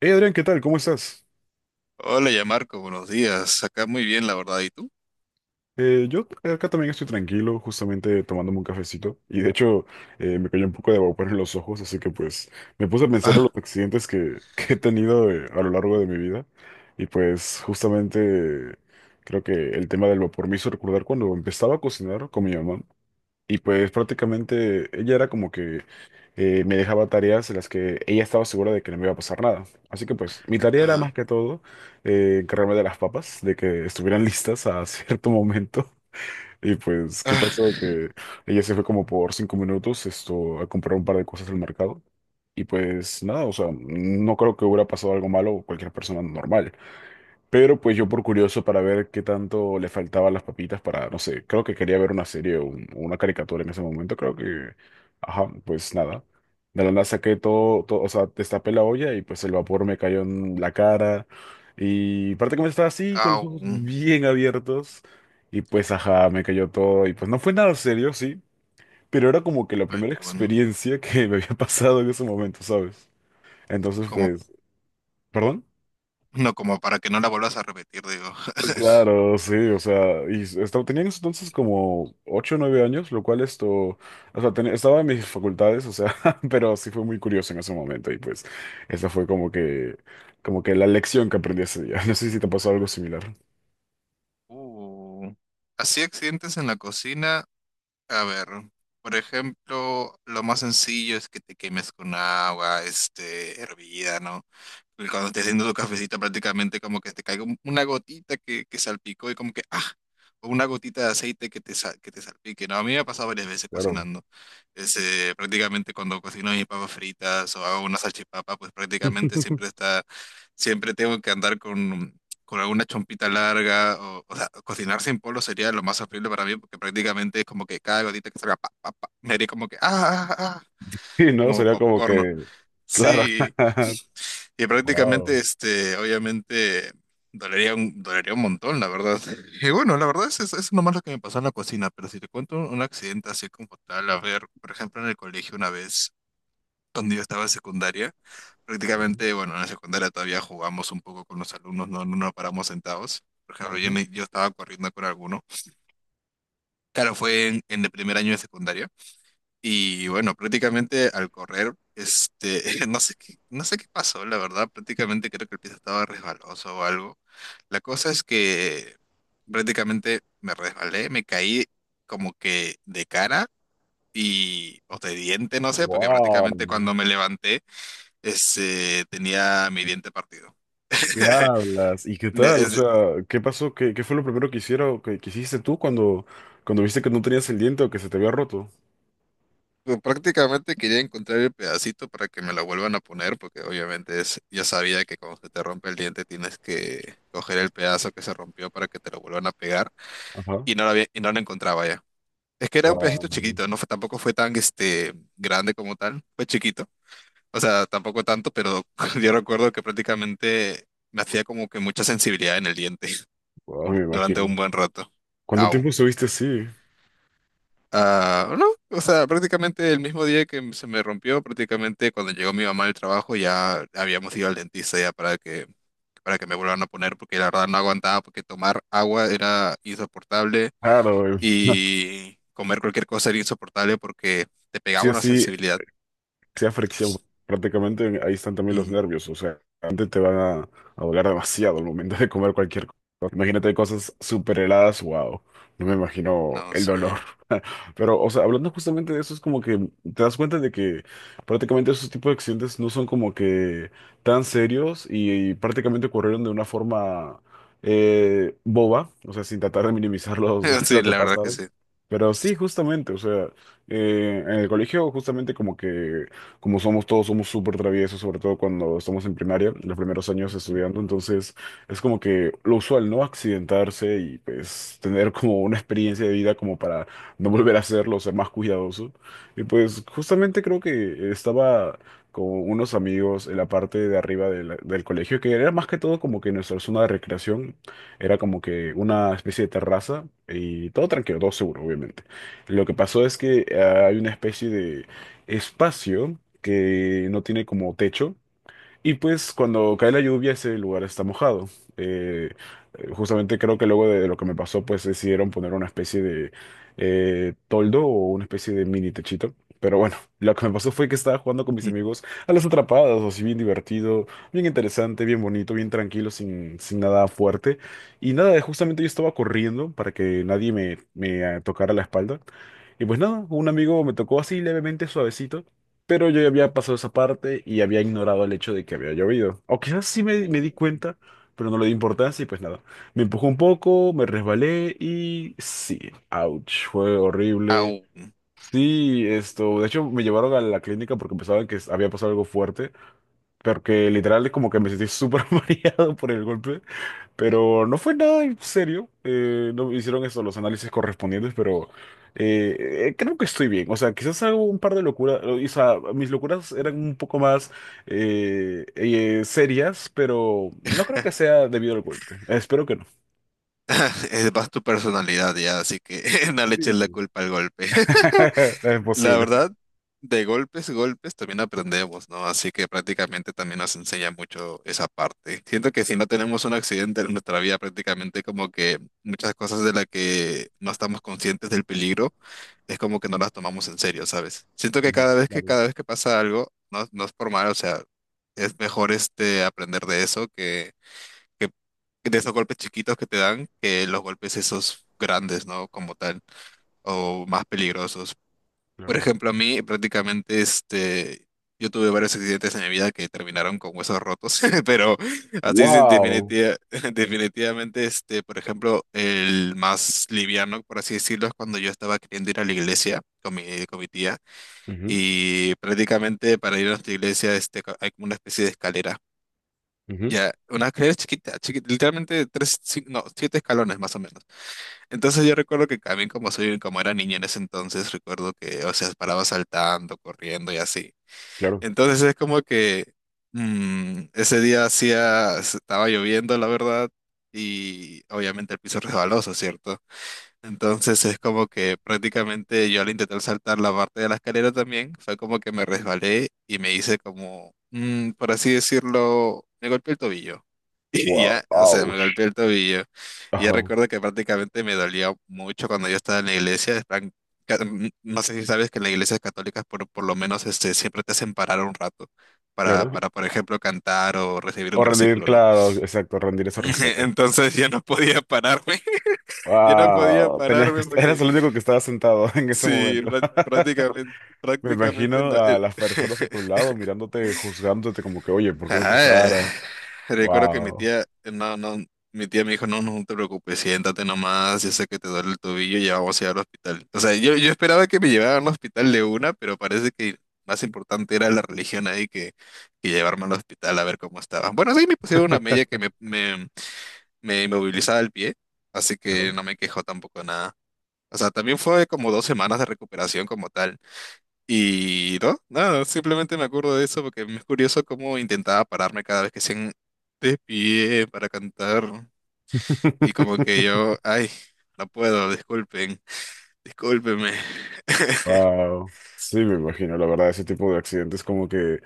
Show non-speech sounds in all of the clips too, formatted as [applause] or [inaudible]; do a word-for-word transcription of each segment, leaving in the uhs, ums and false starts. Hey Adrián, ¿qué tal? ¿Cómo estás? Hola, ya Marco, buenos días. Acá muy bien, la verdad. ¿Y tú? Eh, yo acá también estoy tranquilo, justamente tomándome un cafecito. Y de hecho, eh, me cayó un poco de vapor en los ojos, así que pues me puse a pensar en los Ah, accidentes que, [laughs] que he tenido eh, a lo largo de mi vida. Y pues justamente creo que el tema del vapor me hizo recordar cuando empezaba a cocinar con mi mamá. Y pues prácticamente ella era como que eh, me dejaba tareas en las que ella estaba segura de que no me iba a pasar nada. Así que pues mi tarea era más ajá. que todo eh, encargarme de las papas, de que estuvieran listas a [laughs] cierto momento. Y pues, ¿qué pasó? Ah, Que ella se fue como por cinco minutos esto, a comprar un par de cosas al mercado. Y pues nada, o sea, no creo que hubiera pasado algo malo o cualquier persona normal. Pero pues yo por curioso para ver qué tanto le faltaban las papitas para, no sé, creo que quería ver una serie o un- o una caricatura en ese momento, creo que, ajá, pues nada. De la nada saqué todo, todo, o sea, destapé la olla y pues el vapor me cayó en la cara y prácticamente estaba así con los au. ojos bien abiertos y pues ajá, me cayó todo y pues no fue nada serio, sí, pero era como que la Ay, primera [laughs] qué bueno. experiencia que me había pasado en ese momento, ¿sabes? Entonces Como, pues, ¿perdón? no, como para que no la vuelvas a repetir, digo. [laughs] Claro, sí, o sea, y estaba, tenía en ese entonces como ocho o nueve años, lo cual esto, o sea, ten- estaba en mis facultades, o sea, [laughs] pero sí fue muy curioso en ese momento y pues esa fue como que, como que la lección que aprendí ese día. [laughs] No sé si te pasó algo similar. Uh. Así accidentes en la cocina. A ver, por ejemplo, lo más sencillo es que te quemes con agua, este, hervida, ¿no? Y cuando estés haciendo tu cafecito, prácticamente como que te caiga un- una gotita que, que salpicó y como que, ah, o una gotita de aceite que te, sal- que te salpique, ¿no? A mí me ha pasado varias veces Claro. cocinando. Este, prácticamente cuando cocino mis papas fritas o hago una salchipapa, pues prácticamente siempre [laughs] está, siempre tengo que andar con, con alguna chompita larga, o, o sea, cocinar sin polo sería lo más horrible para mí, porque prácticamente es como que cada gotita que salga, pa, pa, pa, me haría como que, ah, ah, ah, ah", Sí, ¿no? como Sería como popcorn, ¿no? que, claro. Sí, [laughs] y prácticamente, Wow. este, obviamente, dolería un, dolería un montón, la verdad. Y bueno, la verdad es, es, es nomás lo que me pasó en la cocina, pero si te cuento un accidente así como tal, a ver, por ejemplo, en el colegio una vez cuando yo estaba en secundaria, prácticamente, bueno, en la secundaria todavía jugamos un poco con los alumnos, no, no no nos paramos sentados. Por ejemplo, claro, yo, me- yo estaba corriendo con alguno. Claro, fue en, en el primer año de secundaria. Y bueno, prácticamente al correr, este, [laughs] no sé qué, no sé qué pasó, la verdad. Prácticamente creo que el piso estaba resbaloso o algo. La cosa es que prácticamente me resbalé, me caí como que de cara y, o de diente, no sé, porque Wow. prácticamente cuando me levanté, este, tenía mi diente partido. ¿Qué [laughs] hablas? ¿Y qué Me- tal? O es- sea, ¿qué pasó? ¿Qué, qué fue lo primero que hicieron, que, que hiciste tú cuando, cuando viste que no tenías el diente o que se te había roto? Prácticamente quería encontrar el pedacito para que me lo vuelvan a poner, porque obviamente es, ya sabía que cuando se te rompe el diente tienes que coger el pedazo que se rompió para que te lo vuelvan a pegar, Ajá. y no lo había- y no lo encontraba ya. Es que era un Wow, pedacito chiquito, no fue, tampoco fue tan este, grande como tal, fue chiquito. O sea, tampoco tanto, pero [laughs] yo recuerdo que prácticamente me hacía como que mucha sensibilidad en el diente [laughs] me durante imagino. un buen rato. ¿Cuánto Au. tiempo estuviste así? Ah, no, o sea, prácticamente el mismo día que se me rompió, prácticamente cuando llegó mi mamá del trabajo ya habíamos ido al dentista ya para que para que me vuelvan a poner porque la verdad no aguantaba porque tomar agua era insoportable Claro, [laughs] y comer cualquier cosa era insoportable porque te sí pegaba o una sí, sensibilidad. sea fricción. Prácticamente ahí están también los Ujú. nervios, o sea, antes te van a, a doler demasiado al momento de comer cualquier cosa. Imagínate cosas súper heladas, wow, no me imagino No el dolor. sé. [laughs] Pero, o sea, hablando justamente de eso, es como que te das cuenta de que prácticamente esos tipos de accidentes no son como que tan serios y, prácticamente ocurrieron de una forma eh, boba, o sea, sin tratar de minimizar los, [laughs] [laughs] Sí, lo que la verdad que pasaron. sí. Pero sí, justamente, o sea, eh, en el colegio justamente como que como somos todos, somos súper traviesos, sobre todo cuando estamos en primaria, en los primeros años Ujú, estudiando, entonces es como que lo usual, ¿no? Accidentarse y pues tener como una experiencia de vida como para no volver a hacerlo, ser más cuidadoso. Y pues justamente creo que estaba con unos amigos en la parte de arriba de la- del colegio, que era más que todo como que nuestra zona de recreación, era como que una especie de terraza y todo tranquilo, todo seguro, obviamente. Lo que pasó es que ah, hay una especie de espacio que no tiene como techo. Y pues cuando cae la lluvia ese lugar está mojado. Eh, eh, justamente creo que luego de, de lo que me pasó pues decidieron poner una especie de eh, toldo o una especie de mini techito. Pero bueno, lo que me pasó fue que estaba jugando con mis ujú. amigos a las atrapadas, así bien divertido, bien interesante, bien bonito, bien tranquilo, sin, sin nada fuerte. Y nada, justamente yo estaba corriendo para que nadie me, me eh, tocara la espalda. Y pues nada, un amigo me tocó así levemente suavecito. Pero yo ya había pasado esa parte y había ignorado el hecho de que había llovido. O quizás sí me, me di cuenta, pero no le di importancia y pues nada. Me empujó un poco, me resbalé y sí, ouch, fue horrible. Au. Sí, esto, de hecho me llevaron a la clínica porque pensaban que había pasado algo fuerte, porque literal es como que me sentí súper [laughs] mareado por el golpe. Pero no fue nada en serio. eh, no hicieron eso, los análisis correspondientes, pero eh, eh, creo que estoy bien. O sea, quizás hago un par de locuras. O sea, mis locuras eran un poco más eh, eh, serias, pero no creo que sea debido al golpe. Espero que no. [laughs] Es más tu personalidad ya, así que [laughs] no le eches la Sí. culpa al golpe. [laughs] Es La posible. verdad, de golpes, golpes también aprendemos, ¿no? Así que prácticamente también nos enseña mucho esa parte. Siento que si no tenemos un accidente en nuestra vida, prácticamente como que muchas cosas de las que no estamos conscientes del peligro, es como que no las tomamos en serio, ¿sabes? Siento que Ujú, cada vez que, claro, cada vez que pasa algo, no, no es por mal, o sea, es mejor este aprender de eso que, que de esos golpes chiquitos que te dan que los golpes esos grandes, ¿no? Como tal, o más peligrosos. Por claro. ejemplo, a mí prácticamente este, yo tuve varios accidentes en mi vida que terminaron con huesos rotos, [laughs] pero así es Wow. definitiva- [laughs] definitivamente, este, por ejemplo, el más liviano, por así decirlo, es cuando yo estaba queriendo ir a la iglesia con mi, con mi tía Ujú, y prácticamente para ir a nuestra iglesia este, co- hay como una especie de escalera. ujú, Ya, una escalera chiquita, chiquita, literalmente tres, cin- no, siete escalones más o menos. Entonces yo recuerdo que también como soy, como era niña en ese entonces, recuerdo que, o sea, paraba saltando, corriendo y así. claro. Entonces es como que mm, ese día hacía, estaba lloviendo, la verdad, y obviamente el piso resbaloso, ¿cierto? Entonces es como que prácticamente yo al intentar saltar la parte de la escalera también, fue como que me resbalé y me hice como, mm, por así decirlo, me golpeé el tobillo. [laughs] Y Wow. ya, o sea, me Ouch. golpeé el tobillo. Y ya Ajá. recuerdo que prácticamente me dolía mucho cuando yo estaba en la iglesia, en plan, ca- mm, no sé si sabes que en las iglesias católicas por, por lo menos este, siempre te hacen parar un rato para, Claro. para, por ejemplo, cantar o recibir un O rendir, versículo, ¿no? claro, exacto, rendir ese respeto. [laughs] Entonces ya no podía pararme. [laughs] Yo no podía Wow, tenías que, pararme est- eras porque el único que estaba sentado [laughs] en ese sí, momento. prá- [laughs] prácticamente, Me prácticamente. no- imagino eh, a las personas a tu [laughs] lado mirándote, juzgándote como que, oye, ¿por qué no te Ajá, eh, paras? recuerdo que mi Wow. tía, no, no, mi tía me dijo, no, no te preocupes, siéntate nomás, ya sé que te duele el tobillo, ya vamos a ir al hospital. O sea, yo, yo esperaba que me llevaran al hospital de una, pero parece que más importante era la religión ahí que, que llevarme al hospital a ver cómo estaba. Bueno, sí, me pusieron una media que me, me, me inmovilizaba el pie, así ¿Verdad? que no me quejó tampoco nada. O sea, también fue como dos semanas de recuperación como tal. Y no, nada, simplemente me acuerdo de eso porque es curioso cómo intentaba pararme cada vez que se de pie para cantar. Y como que [laughs] yo, ay, no puedo, disculpen, discúlpenme. Wow. Sí, me imagino, la verdad, ese tipo de accidentes como que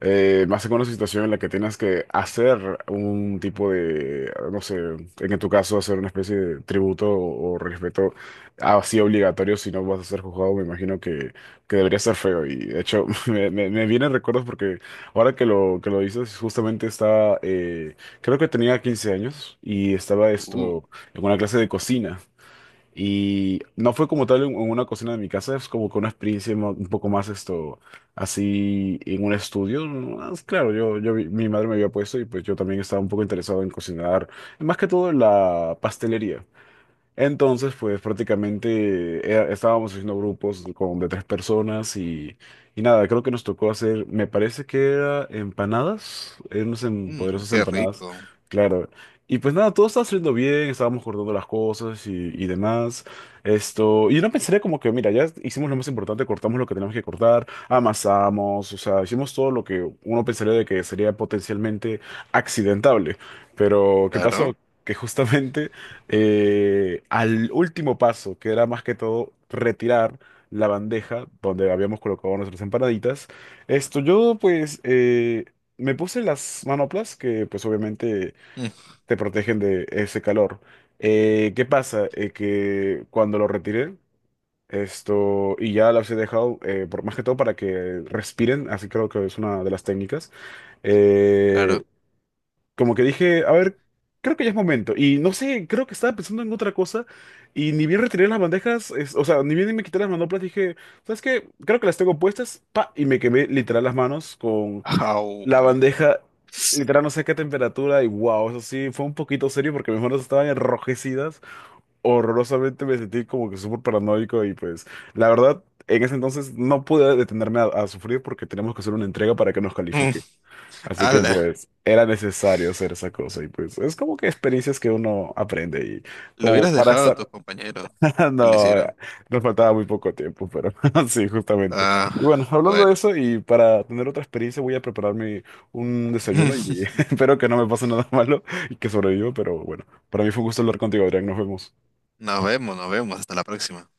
eh, más en una situación en la que tienes que hacer un tipo de, no sé, en tu caso hacer una especie de tributo o, o respeto así obligatorio, si no vas a ser juzgado, me imagino que, que debería ser feo. Y de hecho, [laughs] me, me, me vienen recuerdos porque ahora que lo, que lo dices, justamente estaba, eh, creo que tenía quince años y estaba Uh, esto en una clase de cocina. Y no fue como tal en en una cocina de mi casa, es como que una experiencia mo- un poco más esto, así en un estudio. ¿No? Es, claro, yo, yo, vi- mi madre me había puesto y pues yo también estaba un poco interesado en cocinar, más que todo en la pastelería. Entonces, pues prácticamente eh, estábamos haciendo grupos con de tres personas y, y nada, creo que nos tocó hacer, me parece que era empanadas, eran unas em- mm, poderosas Qué empanadas, rico. claro. Y pues nada, todo estaba saliendo bien, estábamos acordando las cosas y, y demás. Esto, y no pensaría como que, mira, ya hicimos lo más importante, cortamos lo que teníamos que cortar, amasamos, o sea, hicimos todo lo que uno pensaría de que sería potencialmente accidentable. Pero, ¿qué Claro, pasó? Que justamente eh, al último paso, que era más que todo retirar la bandeja donde habíamos colocado nuestras empanaditas. Esto yo pues eh, me puse las manoplas que pues obviamente mm, te protegen de ese calor. Eh, ¿qué pasa? Eh, que cuando lo retiré, esto, y ya las he dejado, eh, por, más que todo para que respiren, así creo que es una de las técnicas. Eh, claro. como que dije, a ver, creo que ya es momento. Y no sé, creo que estaba pensando en otra cosa. Y ni bien retiré las bandejas, es- o sea, ni bien me quité las manoplas, dije, ¿sabes qué? Creo que las tengo puestas, pa, y me quemé literal las manos con la Au. bandeja, literal no sé qué temperatura. Y wow, eso sí, fue un poquito serio porque mis manos estaban enrojecidas. Horrorosamente me sentí como que súper paranoico. Y pues, la verdad, en ese entonces no pude detenerme a, a sufrir porque tenemos que hacer una entrega para que nos Mm, califique. Así que Ala, pues era necesario hacer esa cosa y pues es como que experiencias que uno aprende y lo como hubieras para dejado a tus estar, compañeros [laughs] que lo no, eh, hicieron. nos faltaba muy poco tiempo, pero [laughs] sí, justamente. Ah, Y bueno, hablando de bueno. eso y para tener otra experiencia voy a prepararme un desayuno y [laughs] [laughs] espero que no me pase nada [laughs] malo y que sobreviva, pero bueno, para mí fue un gusto hablar contigo, Adrián, nos vemos. Nos vemos, nos vemos, hasta la próxima.